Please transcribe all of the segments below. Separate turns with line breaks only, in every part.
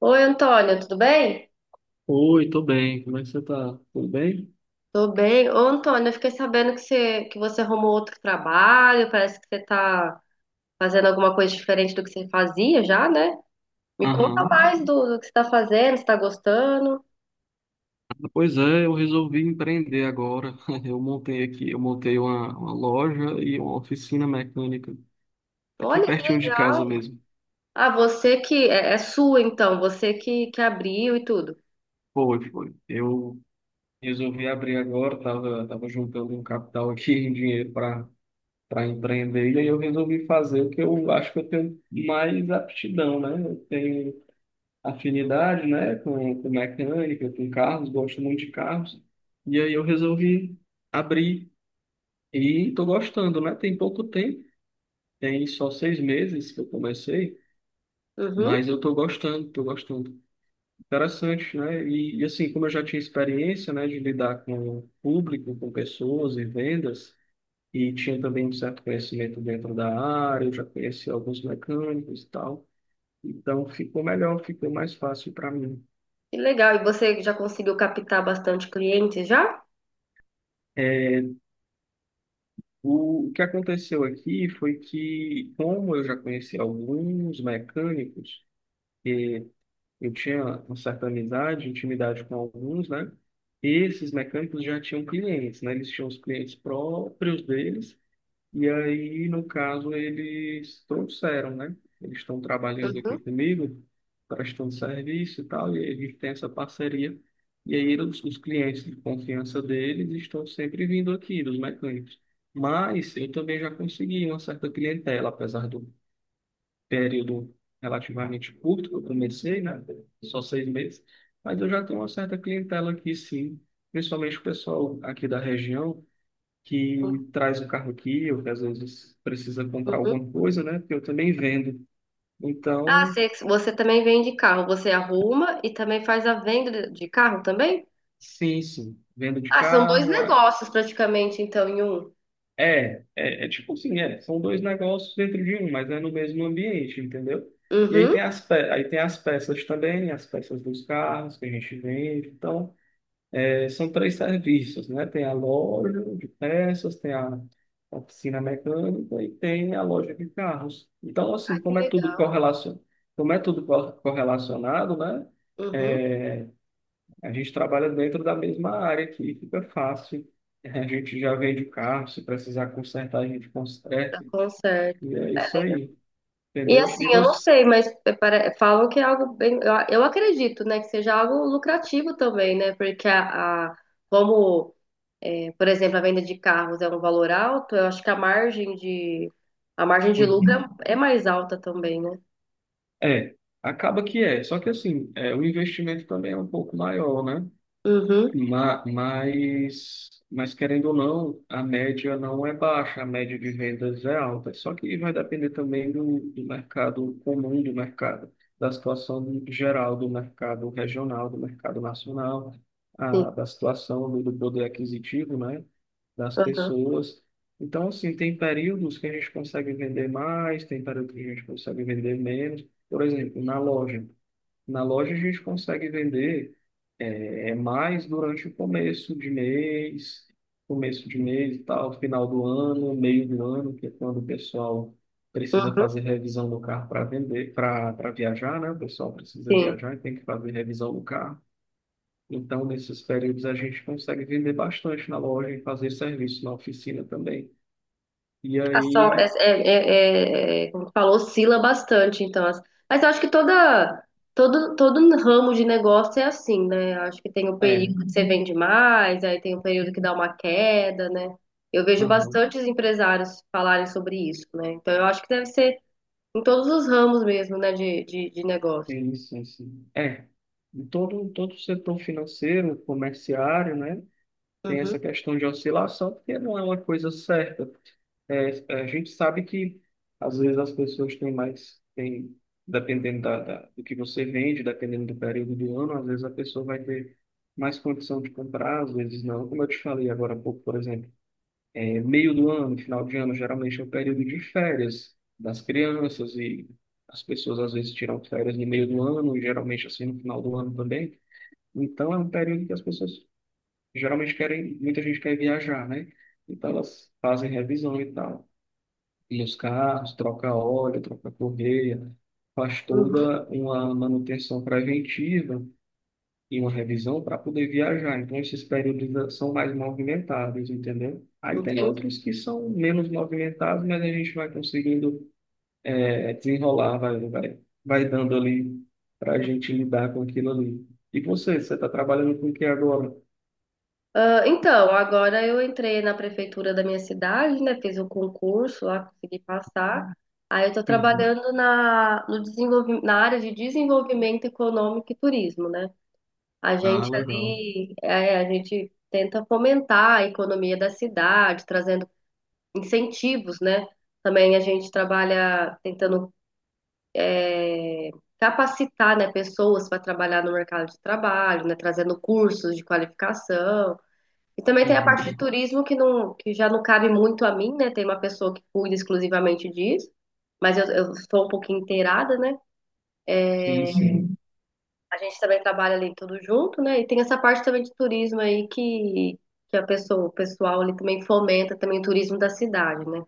Oi, Antônia, tudo bem?
Oi, tô bem. Como é que você tá? Tudo bem?
Tô bem. Ô, Antônia, eu fiquei sabendo que você arrumou outro trabalho, parece que você tá fazendo alguma coisa diferente do que você fazia já, né? Me conta
Aham.
mais do que você tá fazendo, se tá gostando.
Pois é, eu resolvi empreender agora. Eu montei uma loja e uma oficina mecânica aqui
Olha que
pertinho de casa
legal.
mesmo.
Ah, você que é sua então, você que abriu e tudo.
Foi, foi. Eu resolvi abrir agora, tava juntando um capital aqui, um dinheiro para empreender, e aí eu resolvi fazer o que eu acho que eu tenho mais aptidão, né? Eu tenho afinidade, né, com mecânica, com carros, gosto muito de carros. E aí eu resolvi abrir e tô gostando, né? Tem pouco tempo, tem só 6 meses que eu comecei,
Uhum,
mas eu tô gostando, tô gostando. Interessante, né? E assim, como eu já tinha experiência, né, de lidar com o público, com pessoas e vendas, e tinha também um certo conhecimento dentro da área, eu já conheci alguns mecânicos e tal. Então ficou melhor, ficou mais fácil para mim.
que legal. E você já conseguiu captar bastante clientes já?
É, O que aconteceu aqui foi que, como eu já conheci alguns mecânicos, eu tinha uma certa amizade, intimidade com alguns, né? Esses mecânicos já tinham clientes, né? Eles tinham os clientes próprios deles e aí, no caso, eles trouxeram, né? Eles estão trabalhando aqui
Uhum.
comigo, prestando serviço e tal, e a gente tem essa parceria. E aí, os clientes de confiança deles estão sempre vindo aqui, dos mecânicos. Mas eu também já consegui uma certa clientela, apesar do período relativamente curto que eu comecei, né? Só seis meses. Mas eu já tenho uma certa clientela aqui, sim. Principalmente o pessoal aqui da região que traz o carro aqui, ou que às vezes precisa comprar
Uhum.
alguma coisa, né? Porque eu também vendo.
Ah,
Então,
você também vende carro, você arruma e também faz a venda de carro também?
sim, sim, vendo de
Ah, são dois
carro. É,
negócios praticamente, então, em um.
é, é é tipo assim, é, são dois negócios dentro de um, mas é no mesmo ambiente, entendeu? E aí
Uhum.
tem as peças também, as peças dos carros que a gente vende. Então, são três serviços, né? Tem a loja de peças, tem a oficina mecânica e tem a loja de carros. Então,
Ah,
assim,
que
como é tudo
legal.
correlacionado, como é tudo cor- correlacionado, né?
Uhum.
É, a gente trabalha dentro da mesma área aqui, fica fácil. A gente já vende o carro, se precisar consertar, a gente
Dá
conserta.
conserto.
E é isso aí,
E
entendeu?
assim,
E
eu não
você?
sei, mas falam que é algo bem. Eu acredito, né, que seja algo lucrativo também, né? Porque como, por exemplo, a venda de carros é um valor alto, eu acho que a margem de lucro
Uhum.
é mais alta também, né?
É, acaba que é. Só que assim, é, o investimento também é um pouco maior, né?
Uhum,
Mas querendo ou não, a média não é baixa, a média de vendas é alta. Só que vai depender também do mercado comum do mercado, da situação geral do mercado regional, do mercado nacional,
sim.
da situação do poder aquisitivo, né, das
Uhum,
pessoas. Então, assim, tem períodos que a gente consegue vender mais, tem períodos que a gente consegue vender menos. Por exemplo, na loja. Na loja a gente consegue vender é mais durante o começo de mês e tal, final do ano, meio do ano, que é quando o pessoal precisa
uhum,
fazer revisão do carro para vender, para viajar, né? O pessoal precisa
sim.
viajar e tem que fazer revisão do carro. Então, nesses períodos a gente consegue vender bastante na loja e fazer serviço na oficina também. E
A só,
aí,
como tu falou, oscila bastante, então. Mas eu acho que todo ramo de negócio é assim, né? Eu acho que tem o
é,
período que você vende mais, aí tem o período que dá uma queda, né? Eu vejo
aham.
bastantes empresários falarem sobre isso, né? Então eu acho que deve ser em todos os ramos mesmo, né, de negócio.
Sim, sim, sim. É, em todo setor financeiro, comerciário, né, tem
Uhum,
essa questão de oscilação, porque não é uma coisa certa. A gente sabe que, às vezes, as pessoas têm mais, têm, dependendo da, do que você vende, dependendo do período do ano, às vezes a pessoa vai ter mais condição de comprar, às vezes não. Como eu te falei agora há pouco, por exemplo. É meio do ano, final de ano, geralmente é o período de férias das crianças e as pessoas às vezes tiram férias no meio do ano, e geralmente assim no final do ano também. Então é um período que as pessoas geralmente querem, muita gente quer viajar, né? Então elas fazem revisão e tal. E os carros, troca óleo, troca correia, faz
uhum,
toda uma manutenção preventiva e uma revisão para poder viajar. Então, esses períodos são mais movimentados, entendeu? Aí tem
entendi.
outros que são menos movimentados, mas a gente vai conseguindo é, desenrolar, vai dando ali para a gente lidar com aquilo ali. E você, você está trabalhando com o que agora?
Ah, então, agora eu entrei na prefeitura da minha cidade, né? Fiz o concurso lá, consegui passar. Aí eu estou
Uhum.
trabalhando na, no desenvolvi- na área de desenvolvimento econômico e turismo, né? A
Ah,
gente
legal.
ali, a gente tenta fomentar a economia da cidade, trazendo incentivos, né? Também a gente trabalha tentando é, capacitar, né, pessoas para trabalhar no mercado de trabalho, né? Trazendo cursos de qualificação. E também tem a parte de
Uhum.
turismo que não, que já não cabe muito a mim, né? Tem uma pessoa que cuida exclusivamente disso, mas eu sou um pouquinho inteirada, né?
Sim, sim,
A gente também trabalha ali tudo junto, né? E tem essa parte também de turismo aí que o pessoal ali também fomenta também o turismo da cidade, né?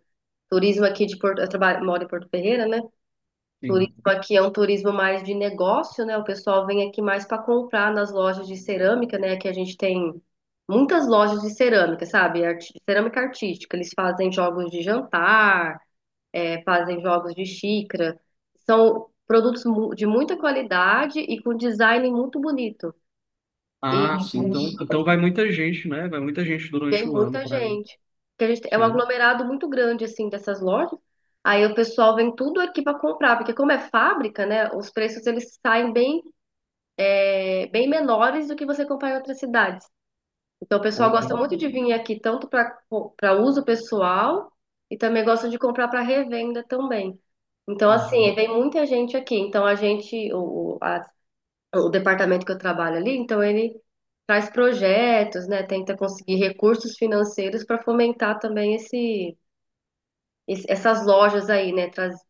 Turismo aqui de Porto, eu trabalho, moro em Porto Ferreira, né? Turismo
sim.
aqui é um turismo mais de negócio, né? O pessoal vem aqui mais para comprar nas lojas de cerâmica, né? Que a gente tem muitas lojas de cerâmica, sabe? Cerâmica artística. Eles fazem jogos de jantar, fazem jogos de xícara. São produtos de muita qualidade e com design muito bonito. E
Ah, sim. Então, então vai muita gente, né? Vai muita gente
vem
durante o ano
muita
para ali.
gente. Porque a gente é um
Sim.
aglomerado muito grande, assim, dessas lojas. Aí o pessoal vem tudo aqui para comprar, porque como é fábrica, né? Os preços eles saem bem menores do que você comprar em outras cidades. Então, o pessoal
Uma
gosta
con-
muito de vir aqui, tanto para uso pessoal e também gosta de comprar para revenda também. Então, assim,
Uhum.
vem muita gente aqui. Então, a gente, o, a- o departamento que eu trabalho ali, então ele traz projetos, né? Tenta conseguir recursos financeiros para fomentar também essas lojas aí, né?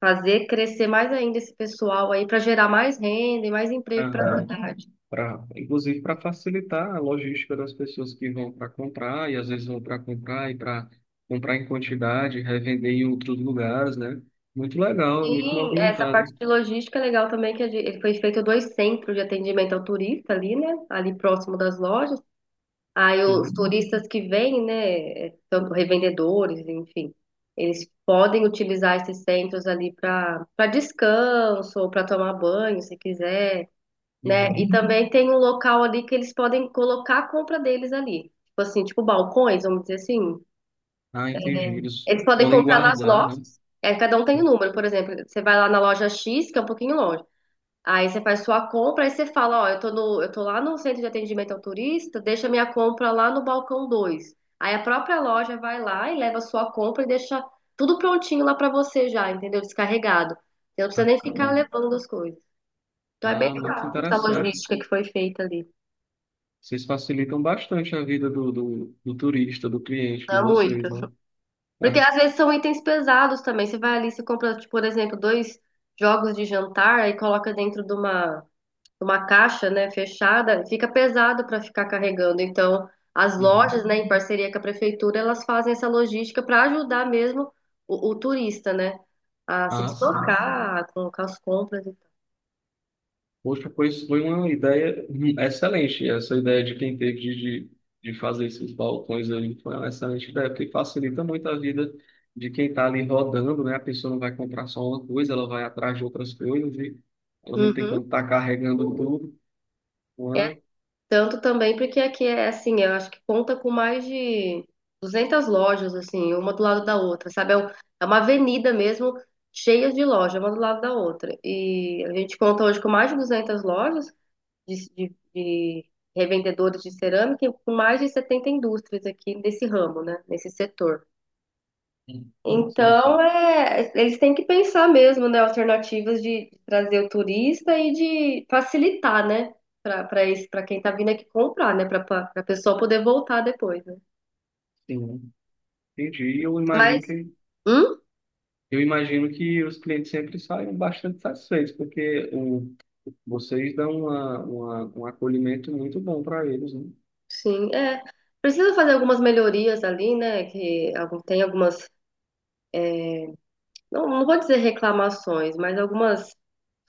Fazer crescer mais ainda esse pessoal aí para gerar mais renda e mais emprego para a
Aham.
cidade.
Pra, inclusive para facilitar a logística das pessoas que vão para comprar e às vezes vão para comprar e para comprar em quantidade, revender em outros lugares, né? Muito legal, muito
Sim, essa parte
movimentado.
de logística é legal também, que foi feito dois centros de atendimento ao turista ali, né? Ali próximo das lojas. Aí os
Sim.
turistas que vêm, né? Tanto revendedores, enfim, eles podem utilizar esses centros ali para descanso ou para tomar banho, se quiser, né? E
Uhum.
também tem um local ali que eles podem colocar a compra deles ali. Tipo assim, tipo balcões, vamos dizer assim.
Ah, entendi. Eles
Eles podem
podem
comprar nas
guardar, né?
lojas. É, cada um tem um número, por exemplo, você vai lá na loja X, que é um pouquinho longe. Aí você faz sua compra, aí você fala, ó, eu tô no, eu tô lá no centro de atendimento ao turista, deixa minha compra lá no balcão 2. Aí a própria loja vai lá e leva a sua compra e deixa tudo prontinho lá pra você já, entendeu? Descarregado. Você não
Ah,
precisa nem ficar
tá.
levando as coisas. Então é bem
Ah, muito
legal essa
interessante.
logística que foi feita ali.
Vocês facilitam bastante a vida do turista, do cliente
Não
de
é muito.
vocês, né?
Porque
Ah,
às vezes são itens pesados também. Você vai ali, você compra, tipo, por exemplo, dois jogos de jantar e coloca dentro de uma caixa, né, fechada, fica pesado para ficar carregando. Então, as
uhum.
lojas, né, em parceria com a prefeitura, elas fazem essa logística para ajudar mesmo o turista, né, a se
Ah, sim.
deslocar, a colocar as compras e tal.
Poxa, pois foi uma ideia excelente. Essa ideia de quem teve de, de fazer esses balcões ali foi uma excelente ideia, porque facilita muito a vida de quem está ali rodando, né? A pessoa não vai comprar só uma coisa, ela vai atrás de outras coisas e ela não tem
Uhum.
como estar carregando tudo.
É,
Uma...
tanto também porque aqui é assim, eu acho que conta com mais de 200 lojas, assim, uma do lado da outra, sabe? É uma avenida mesmo cheia de lojas, uma do lado da outra. E a gente conta hoje com mais de 200 lojas, de revendedores de cerâmica e com mais de 70 indústrias aqui nesse ramo, né? Nesse setor.
Sim, sim,
Então,
sim.
é, eles têm que pensar mesmo, né? Alternativas de trazer o turista e de facilitar, né? Para esse, para quem tá vindo aqui comprar, né? Para a pessoa poder voltar depois, né?
Né? Entendi. E
Mas, hum?
eu imagino que os clientes sempre saem bastante satisfeitos, porque o, vocês dão uma, um acolhimento muito bom para eles, né?
Sim, é. Precisa fazer algumas melhorias ali, né? Que tem algumas, não, não vou dizer reclamações, mas algumas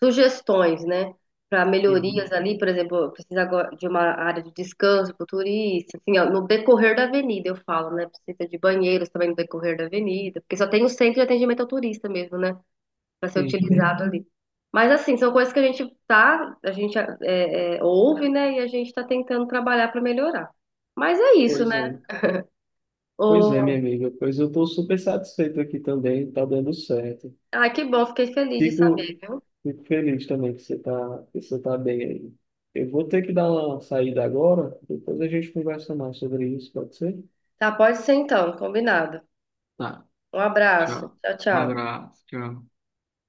sugestões, né? Para melhorias
Uhum.
ali, por exemplo, precisa agora de uma área de descanso para o turista, assim, ó, no decorrer da avenida, eu falo, né? Precisa de banheiros também no decorrer da avenida, porque só tem o centro de atendimento ao turista mesmo, né? Para ser
Entendi.
utilizado Uhum. ali. Mas, assim, são coisas que a gente tá, a gente ouve, né? E a gente está tentando trabalhar para melhorar. Mas é isso,
Pois é,
né?
pois é,
O...
minha amiga. Pois eu estou super satisfeito aqui também, tá dando certo.
Ah, que bom, fiquei feliz de saber,
Fico,
viu?
fico feliz também que você tá bem aí. Eu vou ter que dar uma saída agora, depois a gente conversa mais sobre isso, pode ser?
Tá, pode ser então, combinado.
Tá,
Um abraço.
tchau.
Tchau,
Um
tchau.
abraço, tchau.